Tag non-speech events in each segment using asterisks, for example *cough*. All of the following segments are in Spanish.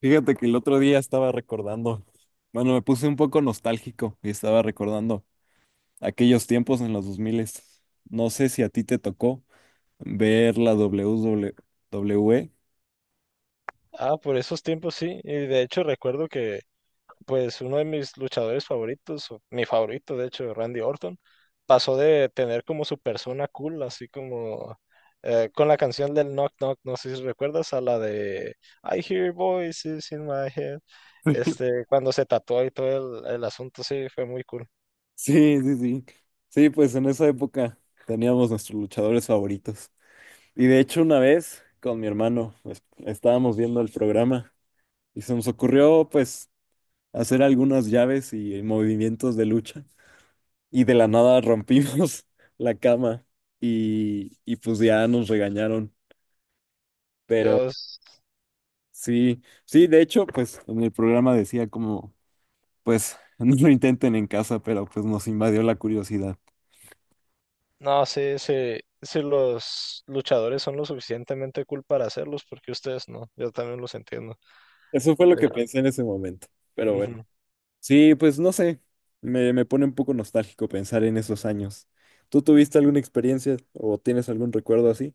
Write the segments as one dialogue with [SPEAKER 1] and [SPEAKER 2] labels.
[SPEAKER 1] Fíjate que el otro día estaba recordando, bueno, me puse un poco nostálgico y estaba recordando aquellos tiempos en los 2000. No sé si a ti te tocó ver la WWE.
[SPEAKER 2] Ah, por esos tiempos sí. Y de hecho recuerdo que pues uno de mis luchadores favoritos, o mi favorito de hecho, Randy Orton, pasó de tener como su persona cool, así como con la canción del Knock Knock, no sé si recuerdas, a la de I hear voices in my head.
[SPEAKER 1] *laughs*
[SPEAKER 2] Este, cuando se tatuó y todo el asunto, sí, fue muy cool.
[SPEAKER 1] Sí, sí, sí. Sí, pues en esa época teníamos nuestros luchadores favoritos. Y de hecho una vez con mi hermano pues, estábamos viendo el programa y se nos ocurrió pues hacer algunas llaves y movimientos de lucha. Y de la nada rompimos *laughs* la cama y pues ya nos regañaron. Pero
[SPEAKER 2] Yo, s-
[SPEAKER 1] sí, sí, de hecho, pues en el programa decía como, pues *laughs* no lo intenten en casa, pero pues nos invadió la curiosidad.
[SPEAKER 2] no, sí, sí, sí, los luchadores son lo suficientemente cool para hacerlos, porque ustedes no, yo también los entiendo.
[SPEAKER 1] Eso fue lo
[SPEAKER 2] Eh,
[SPEAKER 1] que pensé en ese momento, pero bueno.
[SPEAKER 2] Ujú.
[SPEAKER 1] Sí, pues no sé, me pone un poco nostálgico pensar en esos años. ¿Tú tuviste alguna experiencia o tienes algún recuerdo así?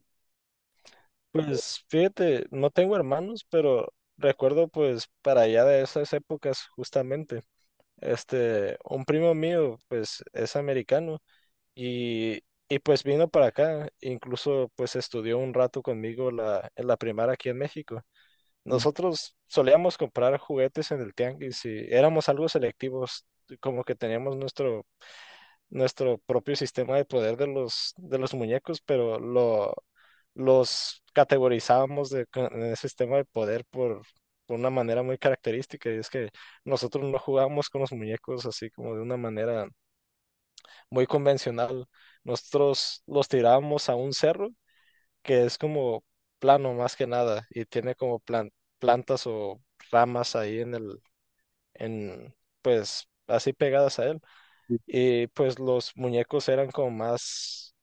[SPEAKER 2] Pues fíjate, no tengo hermanos, pero recuerdo pues para allá de esas épocas justamente, este, un primo mío pues es americano y, y pues vino para acá, incluso pues estudió un rato conmigo en la primaria aquí en México.
[SPEAKER 1] Ujú.
[SPEAKER 2] Nosotros solíamos comprar juguetes en el tianguis y éramos algo selectivos, como que teníamos nuestro propio sistema de poder de los muñecos, pero los categorizábamos en el sistema de poder por una manera muy característica, y es que nosotros no jugábamos con los muñecos así como de una manera muy convencional, nosotros los tirábamos a un cerro que es como plano más que nada y tiene como plantas o ramas ahí en, pues así pegadas a él. Y pues los muñecos eran como más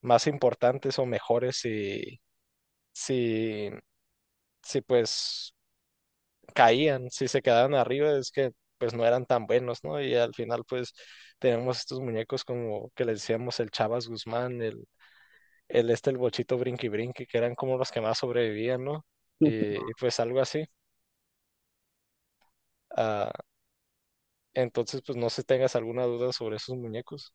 [SPEAKER 2] más importantes o mejores si, si, si pues caían, si se quedaban arriba, es que pues no eran tan buenos, ¿no? Y al final pues tenemos estos muñecos como que les decíamos el Chavas Guzmán, el Bochito Brinqui Brinqui, que eran como los que más sobrevivían, ¿no? Y, pues algo así. Ah, entonces pues no sé si tengas alguna duda sobre esos muñecos.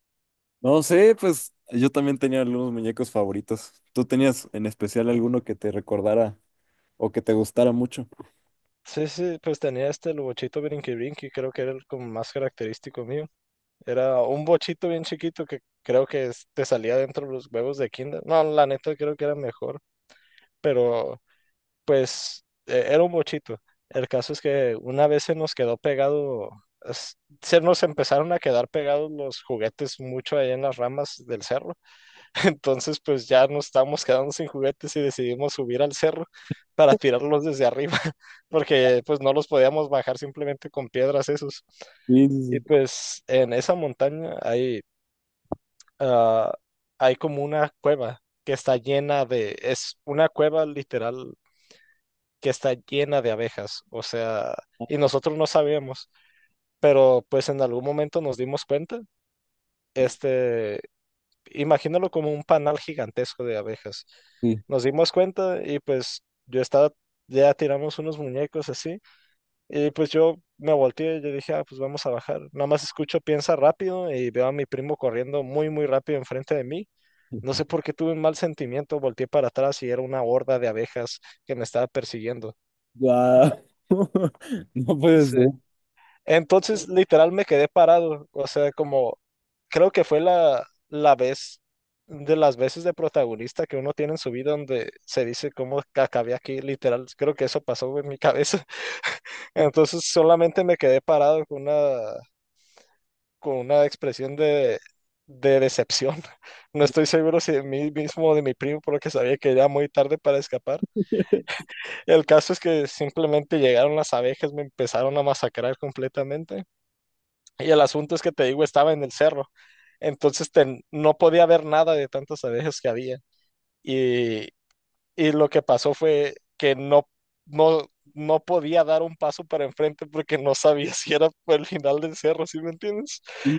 [SPEAKER 1] No sé, pues yo también tenía algunos muñecos favoritos. ¿Tú tenías en especial alguno que te recordara o que te gustara mucho?
[SPEAKER 2] Sí, sí, pues tenía este el Bochito Brinqui Brinqui, creo que era el como más característico mío. Era un bochito bien chiquito que creo que te salía dentro de los huevos de Kinder. No, la neta creo que era mejor, pero pues era un bochito. El caso es que una vez se nos quedó pegado, se nos empezaron a quedar pegados los juguetes mucho ahí en las ramas del cerro. *laughs* Entonces pues ya nos estábamos quedando sin juguetes y decidimos subir al cerro para tirarlos desde arriba, *laughs* porque pues no los podíamos bajar simplemente con piedras esos.
[SPEAKER 1] Sí,
[SPEAKER 2] Y
[SPEAKER 1] sí,
[SPEAKER 2] pues en esa montaña ah, hay como una cueva que está llena de, es una cueva literal que está llena de abejas, o sea, y nosotros no sabíamos, pero pues en algún momento nos dimos cuenta,
[SPEAKER 1] sí.
[SPEAKER 2] este, imagínalo como un panal gigantesco de abejas.
[SPEAKER 1] Sí.
[SPEAKER 2] Nos dimos cuenta y pues yo estaba, ya tiramos unos muñecos así y pues yo me volteé y yo dije, ah, pues vamos a bajar. Nada más escucho, piensa rápido y veo a mi primo corriendo muy, muy rápido enfrente de mí. No sé por
[SPEAKER 1] *laughs*
[SPEAKER 2] qué tuve un mal sentimiento, volteé para atrás y era una horda de abejas que me estaba persiguiendo.
[SPEAKER 1] Guau. *laughs* No puede
[SPEAKER 2] Sí.
[SPEAKER 1] ser.
[SPEAKER 2] Entonces, literal, me quedé parado. O sea, como creo que fue la vez de las veces de protagonista que uno tiene en su vida donde se dice cómo que acabé aquí, literal. Creo que eso pasó en mi cabeza. *laughs* Entonces, solamente me quedé parado con una expresión de decepción. *laughs* No estoy seguro si de mí mismo o de mi primo, porque sabía que era muy tarde para escapar. El caso es que simplemente llegaron las abejas, me empezaron a masacrar completamente. Y el asunto es que te digo, estaba en el cerro. Entonces no podía ver nada de tantas abejas que había. Y, y lo que pasó fue que no, no, no podía dar un paso para enfrente porque no sabía *laughs* si era por el final del cerro, ¿sí me entiendes?
[SPEAKER 1] Sí,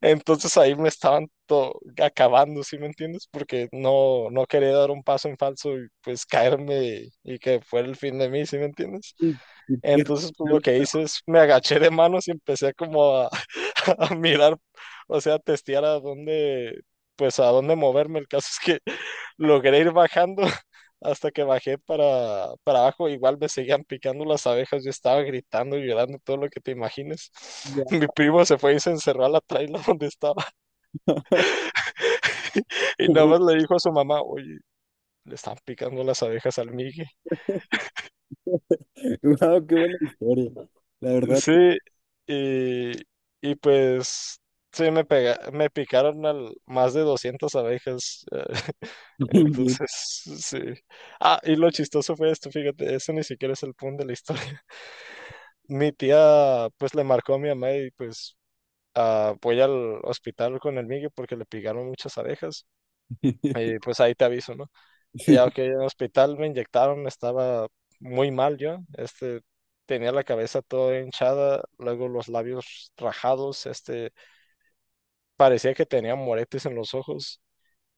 [SPEAKER 2] Entonces ahí me estaban acabando, ¿sí me entiendes? Porque no, no quería dar un paso en falso y pues caerme y que fuera el fin de mí, ¿sí me entiendes?
[SPEAKER 1] sí, sí, qué-
[SPEAKER 2] Entonces, pues lo que hice es me agaché de manos y empecé como a, *laughs* a mirar, o sea, a testear a dónde, pues a dónde moverme. El caso es que *laughs* logré ir bajando hasta que bajé para abajo, igual me seguían picando las abejas, yo estaba gritando y llorando todo lo que te imagines. *laughs*
[SPEAKER 1] Guau,
[SPEAKER 2] Mi primo se fue y se encerró a la traila donde estaba *laughs* y nada más le
[SPEAKER 1] *laughs*
[SPEAKER 2] dijo a su mamá, oye, le están picando las abejas al Migue.
[SPEAKER 1] guau, qué buena historia. La verdad.
[SPEAKER 2] Sí, y, y pues... Sí, me picaron más de 200 abejas. *laughs*
[SPEAKER 1] *laughs* Bien.
[SPEAKER 2] Entonces, sí. Ah, y lo chistoso fue esto, fíjate, eso ni siquiera es el punto de la historia. Mi tía, pues, le marcó a mi mamá y, pues, ah, voy al hospital con el Migue porque le picaron muchas abejas y pues ahí te aviso, ¿no? Y
[SPEAKER 1] Sí.
[SPEAKER 2] ya que en el hospital me inyectaron, estaba muy mal yo, este, tenía la cabeza toda hinchada, luego los labios rajados, este, parecía que tenía moretes en los ojos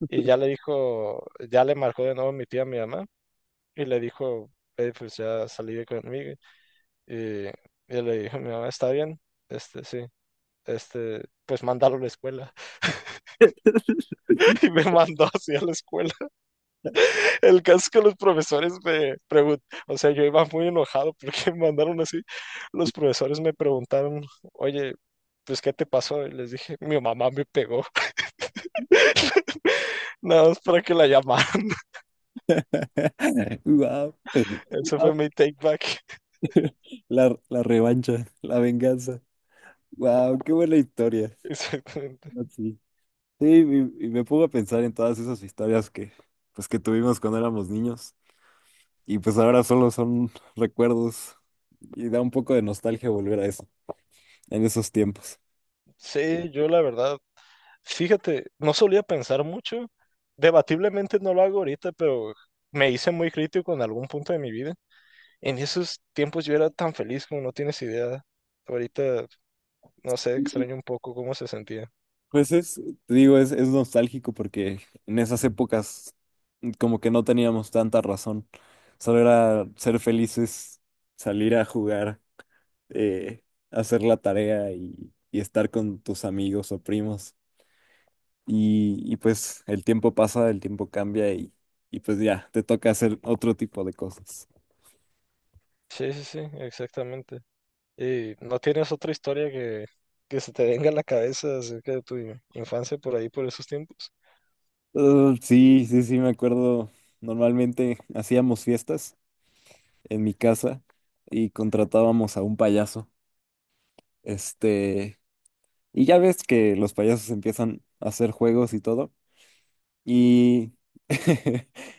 [SPEAKER 2] y ya le dijo, ya le marcó de nuevo mi tía a mi mamá y le dijo, Pues ya salí de conmigo y le dijo, mi mamá está bien, este, sí, este, pues mándalo a la escuela
[SPEAKER 1] *laughs*
[SPEAKER 2] *laughs* y me mandó hacia la escuela. El caso es que los profesores me preguntaron, o sea, yo iba muy enojado porque *laughs* me mandaron así. Los profesores me preguntaron, oye, pues, ¿qué te pasó? Y les dije, mi mamá me pegó, *laughs* nada más para que la llamaran. *laughs*
[SPEAKER 1] Guau.
[SPEAKER 2] Eso fue mi take back. *laughs*
[SPEAKER 1] La revancha, la venganza. Wow, qué buena historia.
[SPEAKER 2] Exactamente.
[SPEAKER 1] Así. Sí, y me pongo a pensar en todas esas historias que, pues, que tuvimos cuando éramos niños y pues ahora solo son *laughs* recuerdos y da un poco de nostalgia volver a eso, en esos tiempos.
[SPEAKER 2] Sí, yo la verdad, fíjate, no solía pensar mucho. Debatiblemente no lo hago ahorita, pero me hice muy crítico en algún punto de mi vida. En esos tiempos yo era tan feliz como no tienes idea. Ahorita, no sé, extraño un poco cómo se sentía.
[SPEAKER 1] Pues es, te digo, es nostálgico porque en esas épocas como que no teníamos tanta razón, solo era ser felices, salir a jugar, eh, hacer la tarea y estar con tus amigos o primos. Y pues el tiempo pasa, el tiempo cambia y pues ya, te toca hacer otro tipo de cosas.
[SPEAKER 2] Sí, sí, sí, exactamente. ¿Y no tienes otra historia que se te venga a la cabeza acerca de tu infancia por ahí, por esos tiempos?
[SPEAKER 1] Sí, sí, sí, me acuerdo. Normalmente hacíamos fiestas en mi casa y contratábamos a un payaso. Este, y ya ves que los payasos empiezan a hacer juegos y todo. Y,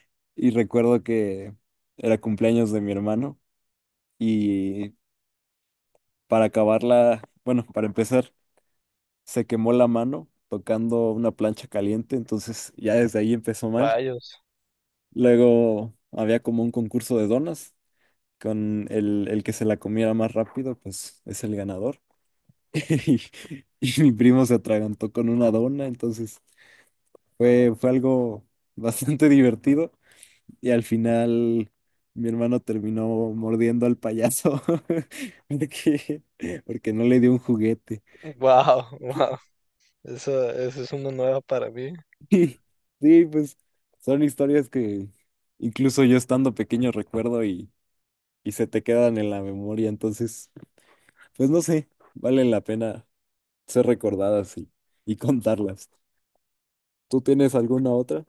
[SPEAKER 1] *laughs* y recuerdo que era cumpleaños de mi hermano y para acabarla, bueno, para empezar, se quemó la mano tocando una plancha caliente, entonces ya desde ahí empezó mal.
[SPEAKER 2] Rayos.
[SPEAKER 1] Luego había como un concurso de donas, con el que se la comiera más rápido, pues es el ganador. *laughs* Y, y mi primo se atragantó con una dona, entonces fue, fue algo *laughs* bastante divertido. Y al final mi hermano terminó mordiendo al payaso *laughs* porque, porque no le dio un juguete.
[SPEAKER 2] Wow, wow. Esa *laughs* es una nueva para mí.
[SPEAKER 1] Sí, sí, pues son historias que incluso yo estando pequeño recuerdo y se te quedan en la memoria, entonces, pues no sé, valen la pena ser recordadas y contarlas. ¿Tú tienes alguna otra?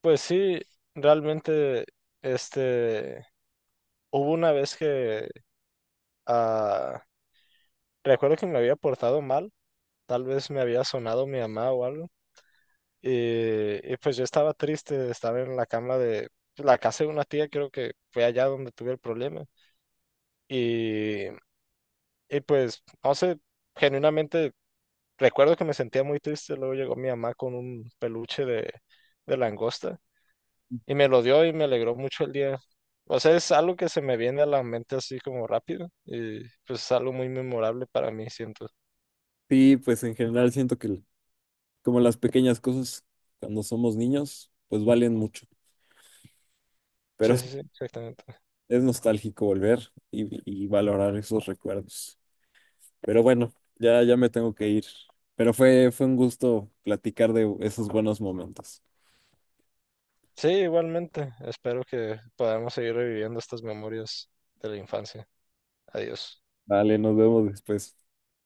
[SPEAKER 2] Pues sí, realmente, este, hubo una vez ah, recuerdo que me había portado mal, tal vez me había sonado mi mamá o algo, y pues yo estaba triste, estaba en la cama de pues, la casa de una tía, creo que fue allá donde tuve el problema. Y, y pues, no sé, genuinamente recuerdo que me sentía muy triste. Luego llegó mi mamá con un peluche de, langosta y me lo dio y me alegró mucho el día. O sea, es algo que se me viene a la mente así como rápido y pues es algo muy memorable para mí, siento.
[SPEAKER 1] Sí, pues en general siento que como las pequeñas cosas cuando somos niños, pues valen mucho, pero
[SPEAKER 2] Sí,
[SPEAKER 1] *laughs*
[SPEAKER 2] sí, sí, exactamente.
[SPEAKER 1] es nostálgico volver y valorar esos recuerdos. Pero bueno, ya, ya me tengo que ir. Pero fue, fue un gusto platicar de esos buenos momentos.
[SPEAKER 2] Sí, igualmente. Espero que podamos seguir reviviendo estas memorias de la infancia. Adiós.
[SPEAKER 1] Vale, nos vemos después.